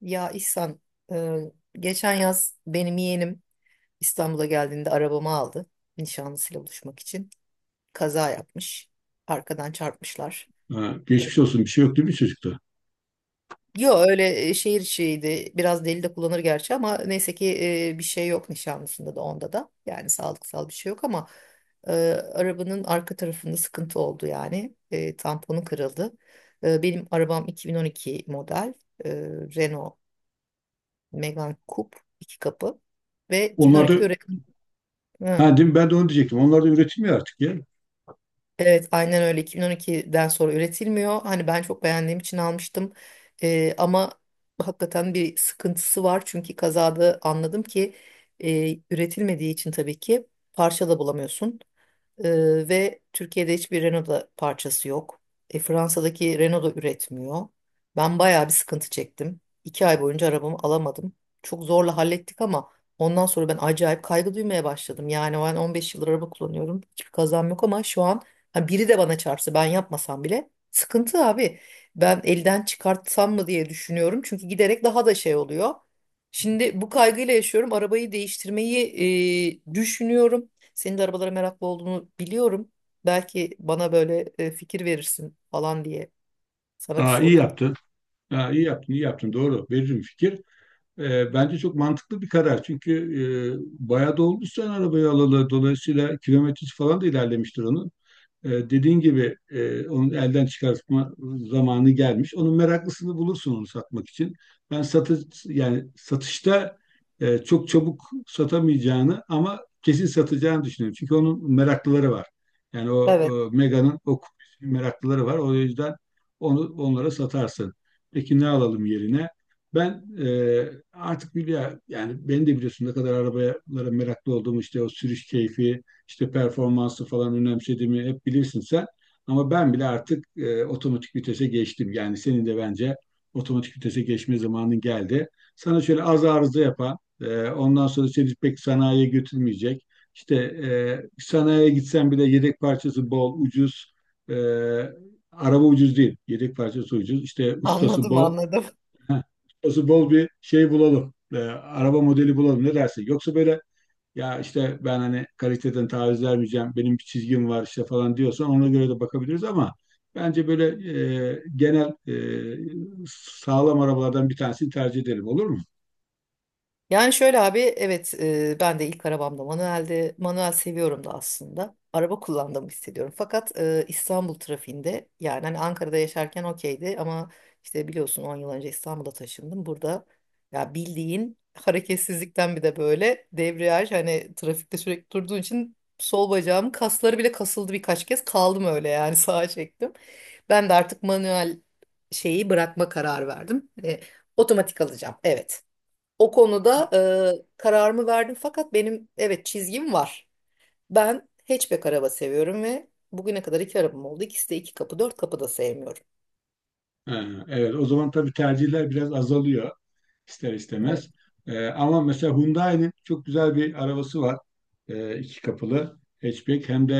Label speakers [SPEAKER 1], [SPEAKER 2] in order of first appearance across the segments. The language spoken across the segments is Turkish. [SPEAKER 1] Ya İhsan, e, geçen yaz benim yeğenim İstanbul'a geldiğinde arabamı aldı nişanlısıyla buluşmak için. Kaza yapmış. Arkadan çarpmışlar.
[SPEAKER 2] Ha,
[SPEAKER 1] E,
[SPEAKER 2] geçmiş olsun, bir şey yok değil mi çocukta?
[SPEAKER 1] Yo, öyle, şehir içiydi. Biraz deli de kullanır gerçi ama neyse ki bir şey yok nişanlısında da onda da. Yani sağlıksal bir şey yok ama e, arabanın arka tarafında sıkıntı oldu yani. Tamponu kırıldı. Benim arabam 2012 model. e, Renault Megan Kup, iki kapı ve
[SPEAKER 2] Onlar da
[SPEAKER 1] 2012'de üretim. Hı.
[SPEAKER 2] ha, değil mi? Ben de onu diyecektim. Onlar da üretilmiyor artık ya.
[SPEAKER 1] Evet, aynen öyle, 2012'den sonra üretilmiyor. Hani ben çok beğendiğim için almıştım. Ama hakikaten bir sıkıntısı var. Çünkü kazada anladım ki, üretilmediği için tabii ki parça da bulamıyorsun. Ve Türkiye'de hiçbir Renault'da parçası yok. Fransa'daki Renault da üretmiyor. Ben bayağı bir sıkıntı çektim. 2 ay boyunca arabamı alamadım. Çok zorla hallettik ama ondan sonra ben acayip kaygı duymaya başladım. Yani ben 15 yıldır araba kullanıyorum. Hiçbir kazam yok ama şu an hani biri de bana çarpsa ben yapmasam bile sıkıntı abi. Ben elden çıkartsam mı diye düşünüyorum. Çünkü giderek daha da şey oluyor. Şimdi bu kaygıyla yaşıyorum. Arabayı değiştirmeyi düşünüyorum. Senin de arabalara meraklı olduğunu biliyorum. Belki bana böyle fikir verirsin falan diye sana bir
[SPEAKER 2] Aa, iyi
[SPEAKER 1] sorayım.
[SPEAKER 2] yaptın. Aa, iyi yaptın, iyi yaptın. Doğru. Veririm fikir. Bence çok mantıklı bir karar. Çünkü bayağı da olmuş sen arabayı alalı. Dolayısıyla kilometresi falan da ilerlemiştir onun. Dediğin gibi onu elden çıkartma zamanı gelmiş. Onun meraklısını bulursun onu satmak için. Ben satış, yani satışta çok çabuk satamayacağını ama kesin satacağını düşünüyorum. Çünkü onun meraklıları var. Yani o
[SPEAKER 1] Evet,
[SPEAKER 2] Mega'nın o meraklıları var. O yüzden onu onlara satarsın. Peki ne alalım yerine? Ben artık biliyor, yani beni de biliyorsun ne kadar arabalara meraklı olduğumu, işte o sürüş keyfi, işte performansı falan önemsediğimi hep bilirsin sen. Ama ben bile artık otomatik vitese geçtim. Yani senin de bence otomatik vitese geçme zamanın geldi. Sana şöyle az arıza yapan, ondan sonra seni pek sanayiye götürmeyecek. İşte sanayiye gitsen bile yedek parçası bol, ucuz. E, Araba ucuz değil, yedek parçası ucuz. İşte ustası
[SPEAKER 1] anladım,
[SPEAKER 2] bol.
[SPEAKER 1] anladım.
[SPEAKER 2] Heh, ustası bol bir şey bulalım. Araba modeli bulalım, ne dersin? Yoksa böyle ya, işte ben hani kaliteden taviz vermeyeceğim, benim bir çizgim var işte falan diyorsan ona göre de bakabiliriz ama bence böyle genel sağlam arabalardan bir tanesini tercih edelim, olur mu?
[SPEAKER 1] Yani şöyle abi, evet, ben de ilk arabamda manueldi. Manuel seviyorum da aslında. Araba kullandığımı hissediyorum. Fakat İstanbul trafiğinde, yani hani Ankara'da yaşarken okeydi ama işte biliyorsun 10 yıl önce İstanbul'a taşındım. Burada ya bildiğin hareketsizlikten bir de böyle debriyaj, hani trafikte sürekli durduğun için sol bacağım kasları bile kasıldı, birkaç kez kaldım öyle yani sağa çektim. Ben de artık manuel şeyi bırakma kararı verdim. Otomatik alacağım, evet. O konuda, kararımı verdim fakat benim, evet, çizgim var. Ben hatchback araba seviyorum ve bugüne kadar iki arabam oldu. İkisi de iki kapı, dört kapı da sevmiyorum.
[SPEAKER 2] Ee, Evet, o zaman tabii tercihler biraz azalıyor, ister
[SPEAKER 1] Evet.
[SPEAKER 2] istemez. Ama mesela Hyundai'nin çok güzel bir arabası var. İki kapılı hatchback hem de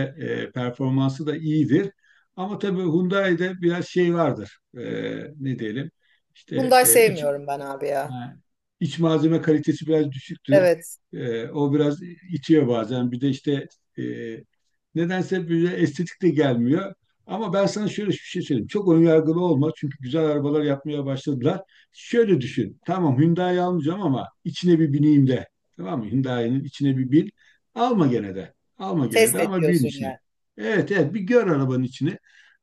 [SPEAKER 2] performansı da iyidir. Ama tabii Hyundai'de biraz şey vardır. Ne diyelim? İşte
[SPEAKER 1] Hyundai sevmiyorum ben abi ya.
[SPEAKER 2] ha, İç malzeme kalitesi biraz düşüktür.
[SPEAKER 1] Evet.
[SPEAKER 2] O biraz itiyor bazen. Bir de işte e, nedense böyle estetik de gelmiyor. Ama ben sana şöyle bir şey söyleyeyim. Çok ön yargılı olma. Çünkü güzel arabalar yapmaya başladılar. Şöyle düşün. Tamam, Hyundai almayacağım ama içine bir bineyim de. Tamam mı? Hyundai'nin içine bir bin. Alma gene de. Alma gene
[SPEAKER 1] Test
[SPEAKER 2] de
[SPEAKER 1] et
[SPEAKER 2] ama bin
[SPEAKER 1] diyorsun
[SPEAKER 2] içine.
[SPEAKER 1] yani.
[SPEAKER 2] Evet, evet, bir gör arabanın içini.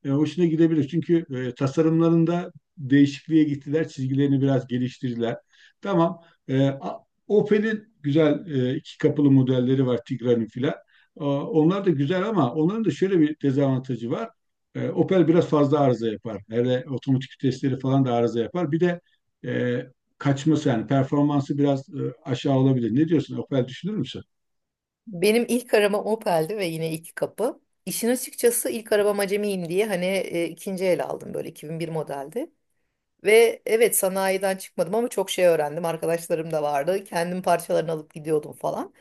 [SPEAKER 2] Hoşuna gidebilir. Çünkü tasarımlarında değişikliğe gittiler. Çizgilerini biraz geliştirdiler. Tamam. E, Opel'in güzel iki kapılı modelleri var, Tigra'nın filan. Onlar da güzel ama onların da şöyle bir dezavantajı var. Opel biraz fazla arıza yapar. Hele otomatik vitesleri falan da arıza yapar. Bir de e, kaçması, yani performansı biraz aşağı olabilir. Ne diyorsun? Opel düşünür müsün?
[SPEAKER 1] Benim ilk arabam Opel'di ve yine iki kapı. İşin açıkçası ilk arabam acemiyim diye hani ikinci el aldım, böyle 2001 modeldi. Ve evet, sanayiden çıkmadım ama çok şey öğrendim. Arkadaşlarım da vardı. Kendim parçalarını alıp gidiyordum falan.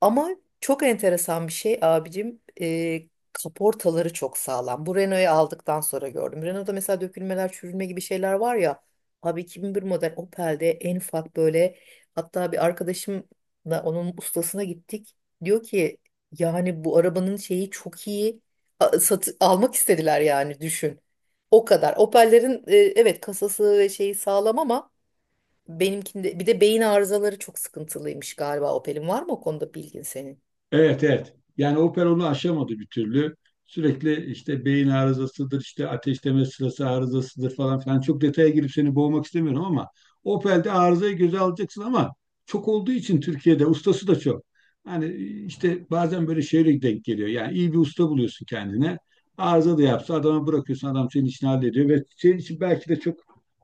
[SPEAKER 1] Ama çok enteresan bir şey abicim. Kaportaları çok sağlam. Bu Renault'u aldıktan sonra gördüm. Renault'da mesela dökülmeler, çürülme gibi şeyler var ya. Abi, 2001 model Opel'de en ufak böyle, hatta bir arkadaşımla onun ustasına gittik. Diyor ki, yani bu arabanın şeyi çok iyi. Almak istediler, yani düşün. O kadar. Opel'lerin, evet, kasası ve şeyi sağlam ama benimkinde bir de beyin arızaları çok sıkıntılıymış galiba Opel'in. Var mı o konuda bilgin senin?
[SPEAKER 2] Evet, evet. Yani Opel onu aşamadı bir türlü. Sürekli işte beyin arızasıdır, işte ateşleme sırası arızasıdır falan filan. Çok detaya girip seni boğmak istemiyorum ama Opel'de arızayı göze alacaksın ama çok olduğu için Türkiye'de ustası da çok. Hani işte bazen böyle şeyle denk geliyor. Yani iyi bir usta buluyorsun kendine. Arıza da yapsa adama bırakıyorsun, adam senin işini hallediyor ve senin için belki de çok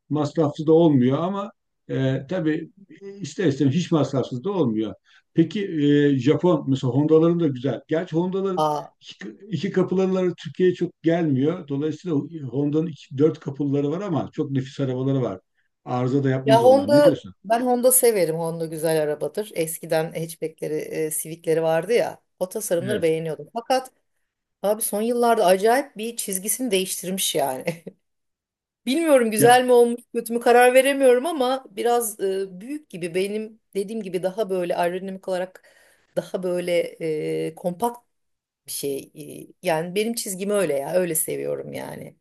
[SPEAKER 2] masrafsız da olmuyor ama tabii ister istemez hiç masrafsız da olmuyor. Peki Japon, mesela Honda'ların da güzel. Gerçi Honda'ların
[SPEAKER 1] Aa,
[SPEAKER 2] iki kapıları Türkiye'ye çok gelmiyor. Dolayısıyla dört kapıları var ama çok nefis arabaları var. Arıza da
[SPEAKER 1] ya
[SPEAKER 2] yapmaz onlar. Ne
[SPEAKER 1] Honda
[SPEAKER 2] diyorsun?
[SPEAKER 1] ben Honda severim. Honda güzel arabadır. Eskiden hatchback'leri, Civic'leri vardı ya. O tasarımları
[SPEAKER 2] Evet.
[SPEAKER 1] beğeniyordum. Fakat abi, son yıllarda acayip bir çizgisini değiştirmiş yani. Bilmiyorum güzel mi olmuş, kötü mü karar veremiyorum ama biraz büyük gibi, benim dediğim gibi daha böyle aerodinamik olarak, daha böyle kompakt bir şey. Yani benim çizgim öyle ya. Öyle seviyorum yani.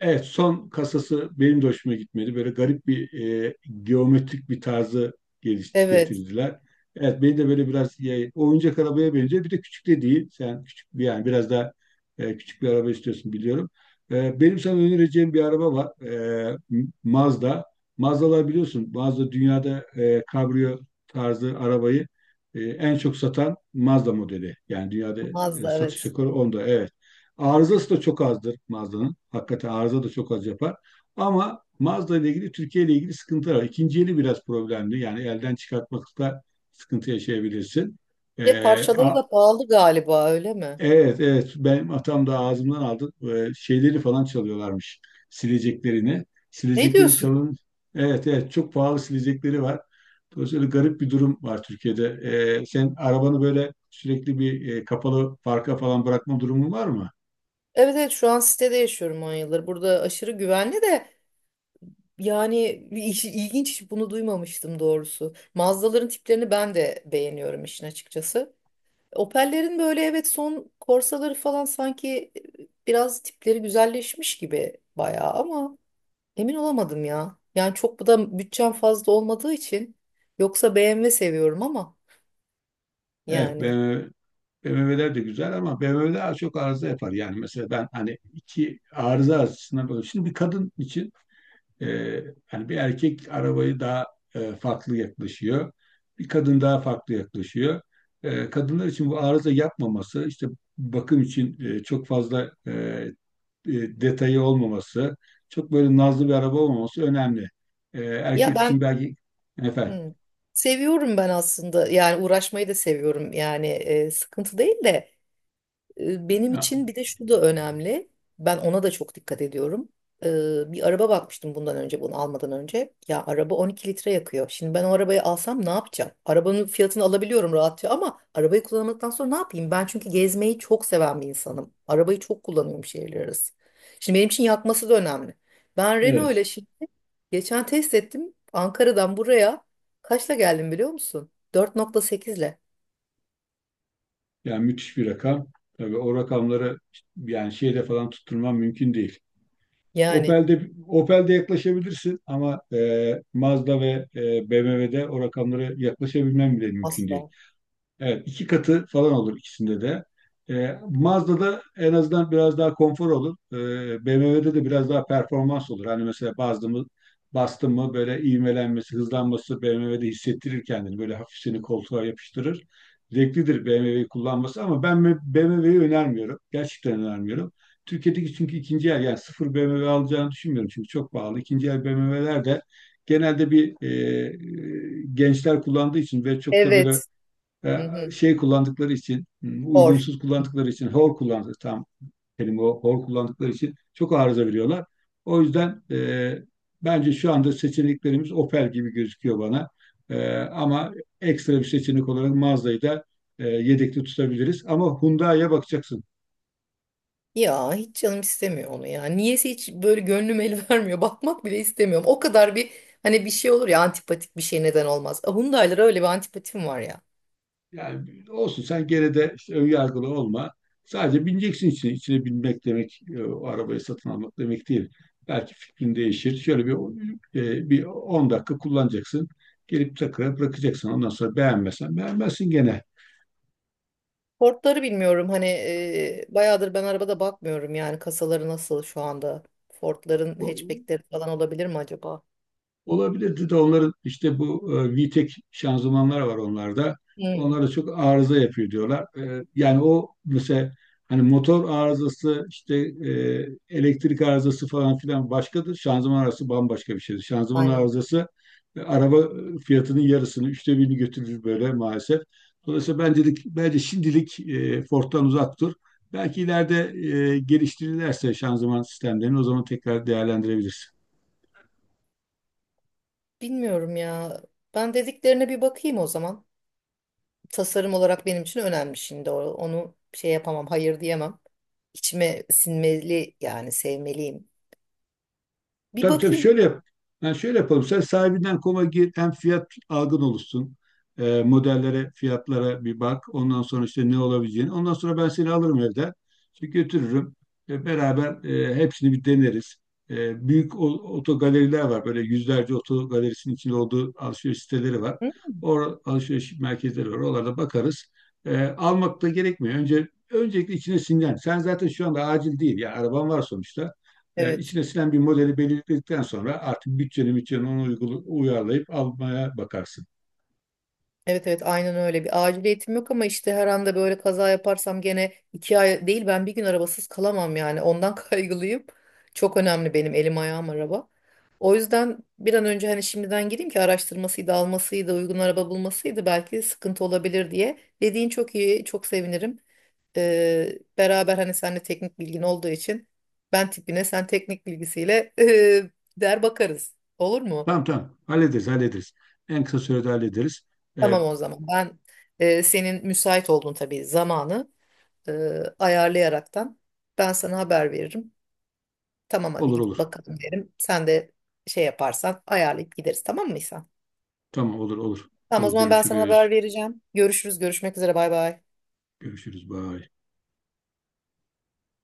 [SPEAKER 2] Evet, son kasası benim de hoşuma gitmedi. Böyle garip bir e, geometrik bir tarzı
[SPEAKER 1] Evet.
[SPEAKER 2] getirdiler. Evet, beni de böyle biraz oyuncak arabaya benziyor. Bir de küçük de değil. Sen küçük bir, yani biraz daha küçük bir araba istiyorsun biliyorum. Benim sana önereceğim bir araba var. Mazda. Mazdalar, biliyorsun. Mazda dünyada kabrio tarzı arabayı en çok satan Mazda modeli. Yani dünyada
[SPEAKER 1] Mazda,
[SPEAKER 2] satış
[SPEAKER 1] evet.
[SPEAKER 2] rekoru onda. Evet. Arızası da çok azdır Mazda'nın. Hakikaten arıza da çok az yapar. Ama Mazda ile ilgili, Türkiye ile ilgili sıkıntılar var. İkinci eli biraz problemli. Yani elden çıkartmakta sıkıntı yaşayabilirsin.
[SPEAKER 1] Ve
[SPEAKER 2] Ee,
[SPEAKER 1] parçaları
[SPEAKER 2] a-
[SPEAKER 1] da pahalı galiba, öyle mi?
[SPEAKER 2] evet, evet, benim atam da ağzımdan aldı. Şeyleri falan çalıyorlarmış. Sileceklerini.
[SPEAKER 1] Ne
[SPEAKER 2] Silecekleri
[SPEAKER 1] diyorsun?
[SPEAKER 2] çalın. Evet, evet, çok pahalı silecekleri var. Dolayısıyla garip bir durum var Türkiye'de. Sen arabanı böyle sürekli bir kapalı parka falan bırakma durumun var mı?
[SPEAKER 1] Evet, evet, şu an sitede yaşıyorum 10 yıldır. Burada aşırı güvenli de, yani ilginç, hiç bunu duymamıştım doğrusu. Mazdaların tiplerini ben de beğeniyorum işin açıkçası. Opel'lerin böyle, evet, son Corsa'ları falan sanki biraz tipleri güzelleşmiş gibi bayağı ama emin olamadım ya. Yani çok, bu da bütçem fazla olmadığı için, yoksa BMW seviyorum ama,
[SPEAKER 2] Evet,
[SPEAKER 1] yani,
[SPEAKER 2] ben BMW'ler de güzel ama BMW'ler az çok arıza yapar. Yani mesela ben hani iki arıza açısından böyle. Şimdi bir kadın için e, yani bir erkek arabayı daha farklı yaklaşıyor. Bir kadın daha farklı yaklaşıyor. Kadınlar için bu arıza yapmaması, işte bakım için çok fazla e, detayı olmaması, çok böyle nazlı bir araba olmaması önemli.
[SPEAKER 1] ya
[SPEAKER 2] Erkek için
[SPEAKER 1] ben
[SPEAKER 2] belki efendim.
[SPEAKER 1] Hmm. Seviyorum ben aslında, yani uğraşmayı da seviyorum yani, sıkıntı değil de, benim için bir de şu da önemli. Ben ona da çok dikkat ediyorum. Bir araba bakmıştım bundan önce, bunu almadan önce. Ya, araba 12 litre yakıyor. Şimdi ben o arabayı alsam ne yapacağım? Arabanın fiyatını alabiliyorum rahatça ama arabayı kullanmadıktan sonra ne yapayım? Ben çünkü gezmeyi çok seven bir insanım. Arabayı çok kullanıyorum şehirler arası. Şimdi benim için yakması da önemli. Ben Renault ile
[SPEAKER 2] Evet.
[SPEAKER 1] şimdi geçen test ettim. Ankara'dan buraya kaçla geldim biliyor musun? 4.8 ile.
[SPEAKER 2] Yani müthiş bir rakam. Tabii o rakamları yani şeyde falan tutturman mümkün değil.
[SPEAKER 1] Yani
[SPEAKER 2] Opel'de yaklaşabilirsin ama Mazda ve BMW'de o rakamlara yaklaşabilmen bile mümkün değil.
[SPEAKER 1] asla.
[SPEAKER 2] Evet, iki katı falan olur ikisinde de. Mazda'da en azından biraz daha konfor olur. BMW'de de biraz daha performans olur. Hani mesela bastım mı böyle ivmelenmesi, hızlanması BMW'de hissettirir kendini. Böyle hafif seni koltuğa yapıştırır. Zevklidir BMW'yi kullanması ama ben BMW'yi önermiyorum. Gerçekten önermiyorum. Türkiye'deki, çünkü ikinci el, yani sıfır BMW alacağını düşünmüyorum çünkü çok pahalı. İkinci el BMW'ler de genelde bir gençler kullandığı için ve çok da böyle
[SPEAKER 1] Evet. Hı hı.
[SPEAKER 2] şey kullandıkları için, hmm,
[SPEAKER 1] Or.
[SPEAKER 2] uygunsuz kullandıkları için, hor kullandıkları tam kelime o, hor kullandıkları için çok arıza veriyorlar. O yüzden bence şu anda seçeneklerimiz Opel gibi gözüküyor bana. Ama ekstra bir seçenek olarak Mazda'yı da yedekte tutabiliriz. Ama Hyundai'ye bakacaksın.
[SPEAKER 1] Ya, hiç canım istemiyor onu ya. Niyeyse hiç böyle gönlüm el vermiyor. Bakmak bile istemiyorum. O kadar bir, hani bir şey olur ya antipatik bir şey, neden olmaz. Hyundai'lara öyle bir antipatim var ya.
[SPEAKER 2] Yani olsun, sen gene de işte ön yargılı olma. Sadece bineceksin içine. İçine binmek demek o arabayı satın almak demek değil. Belki fikrin değişir. Şöyle bir bir 10 dakika kullanacaksın. Gelip tekrar bırakacaksın. Ondan sonra beğenmezsen beğenmezsin gene.
[SPEAKER 1] Ford'ları bilmiyorum hani, bayağıdır ben arabada bakmıyorum yani, kasaları nasıl şu anda. Ford'ların hatchback'leri falan olabilir mi acaba?
[SPEAKER 2] Olabilirdi de onların işte bu VTEC şanzımanlar var onlarda. Onlar
[SPEAKER 1] Hmm,
[SPEAKER 2] da çok arıza yapıyor diyorlar. Yani o mesela hani motor arızası, işte elektrik arızası falan filan başkadır. Şanzıman arızası bambaşka bir şeydir. Şanzıman
[SPEAKER 1] aynen.
[SPEAKER 2] arızası araba fiyatının yarısını, üçte birini götürür böyle maalesef. Dolayısıyla ben dedik, bence şimdilik Ford'dan uzak dur. Belki ileride geliştirirlerse şanzıman sistemlerini o zaman tekrar değerlendirebiliriz.
[SPEAKER 1] Bilmiyorum ya. Ben dediklerine bir bakayım o zaman. Tasarım olarak benim için önemli şimdi. Onu şey yapamam, hayır diyemem. İçime sinmeli, yani sevmeliyim. Bir
[SPEAKER 2] Tabii, tabii
[SPEAKER 1] bakayım.
[SPEAKER 2] şöyle yap. Yani şöyle yapalım. Sen sahibinden koma gir. Hem fiyat algın oluşsun. Modellere, fiyatlara bir bak. Ondan sonra işte ne olabileceğini. Ondan sonra ben seni alırım evden, çünkü götürürüm. Beraber hepsini bir deneriz. Büyük otogaleriler var. Böyle yüzlerce otogalerisinin içinde olduğu alışveriş siteleri var.
[SPEAKER 1] Hı?
[SPEAKER 2] Or alışveriş merkezleri var. Oralarda bakarız. Almak da gerekmiyor. Önce öncelikle içine sinen. Sen zaten şu anda acil değil. Ya araban var sonuçta.
[SPEAKER 1] Evet.
[SPEAKER 2] İçine sinen bir modeli belirledikten sonra artık bütçeni ona uyarlayıp almaya bakarsın.
[SPEAKER 1] Evet, evet, aynen öyle, bir aciliyetim yok ama işte her anda böyle kaza yaparsam gene 2 ay değil, ben bir gün arabasız kalamam yani, ondan kaygılıyım. Çok önemli, benim elim ayağım araba. O yüzden bir an önce hani şimdiden gireyim ki, araştırmasıydı, almasıydı, uygun araba bulmasıydı belki sıkıntı olabilir diye. Dediğin çok iyi, çok sevinirim. Beraber hani seninle teknik bilgin olduğu için ben tipine, sen teknik bilgisiyle der bakarız, olur mu?
[SPEAKER 2] Tamam, tamam, hallederiz, hallederiz. En kısa sürede hallederiz. E,
[SPEAKER 1] Tamam, o zaman. Ben senin müsait olduğun tabii zamanı e, ayarlayaraktan ben sana haber veririm. Tamam, hadi
[SPEAKER 2] olur,
[SPEAKER 1] gidip
[SPEAKER 2] olur.
[SPEAKER 1] bakalım derim. Sen de şey yaparsan ayarlayıp gideriz, tamam mı, mıysan?
[SPEAKER 2] Tamam, olur, olur.
[SPEAKER 1] Tamam, o
[SPEAKER 2] Olur,
[SPEAKER 1] zaman ben sana haber
[SPEAKER 2] görüşürüz.
[SPEAKER 1] vereceğim. Görüşürüz. Görüşmek üzere. Bay bay.
[SPEAKER 2] Görüşürüz. Bye.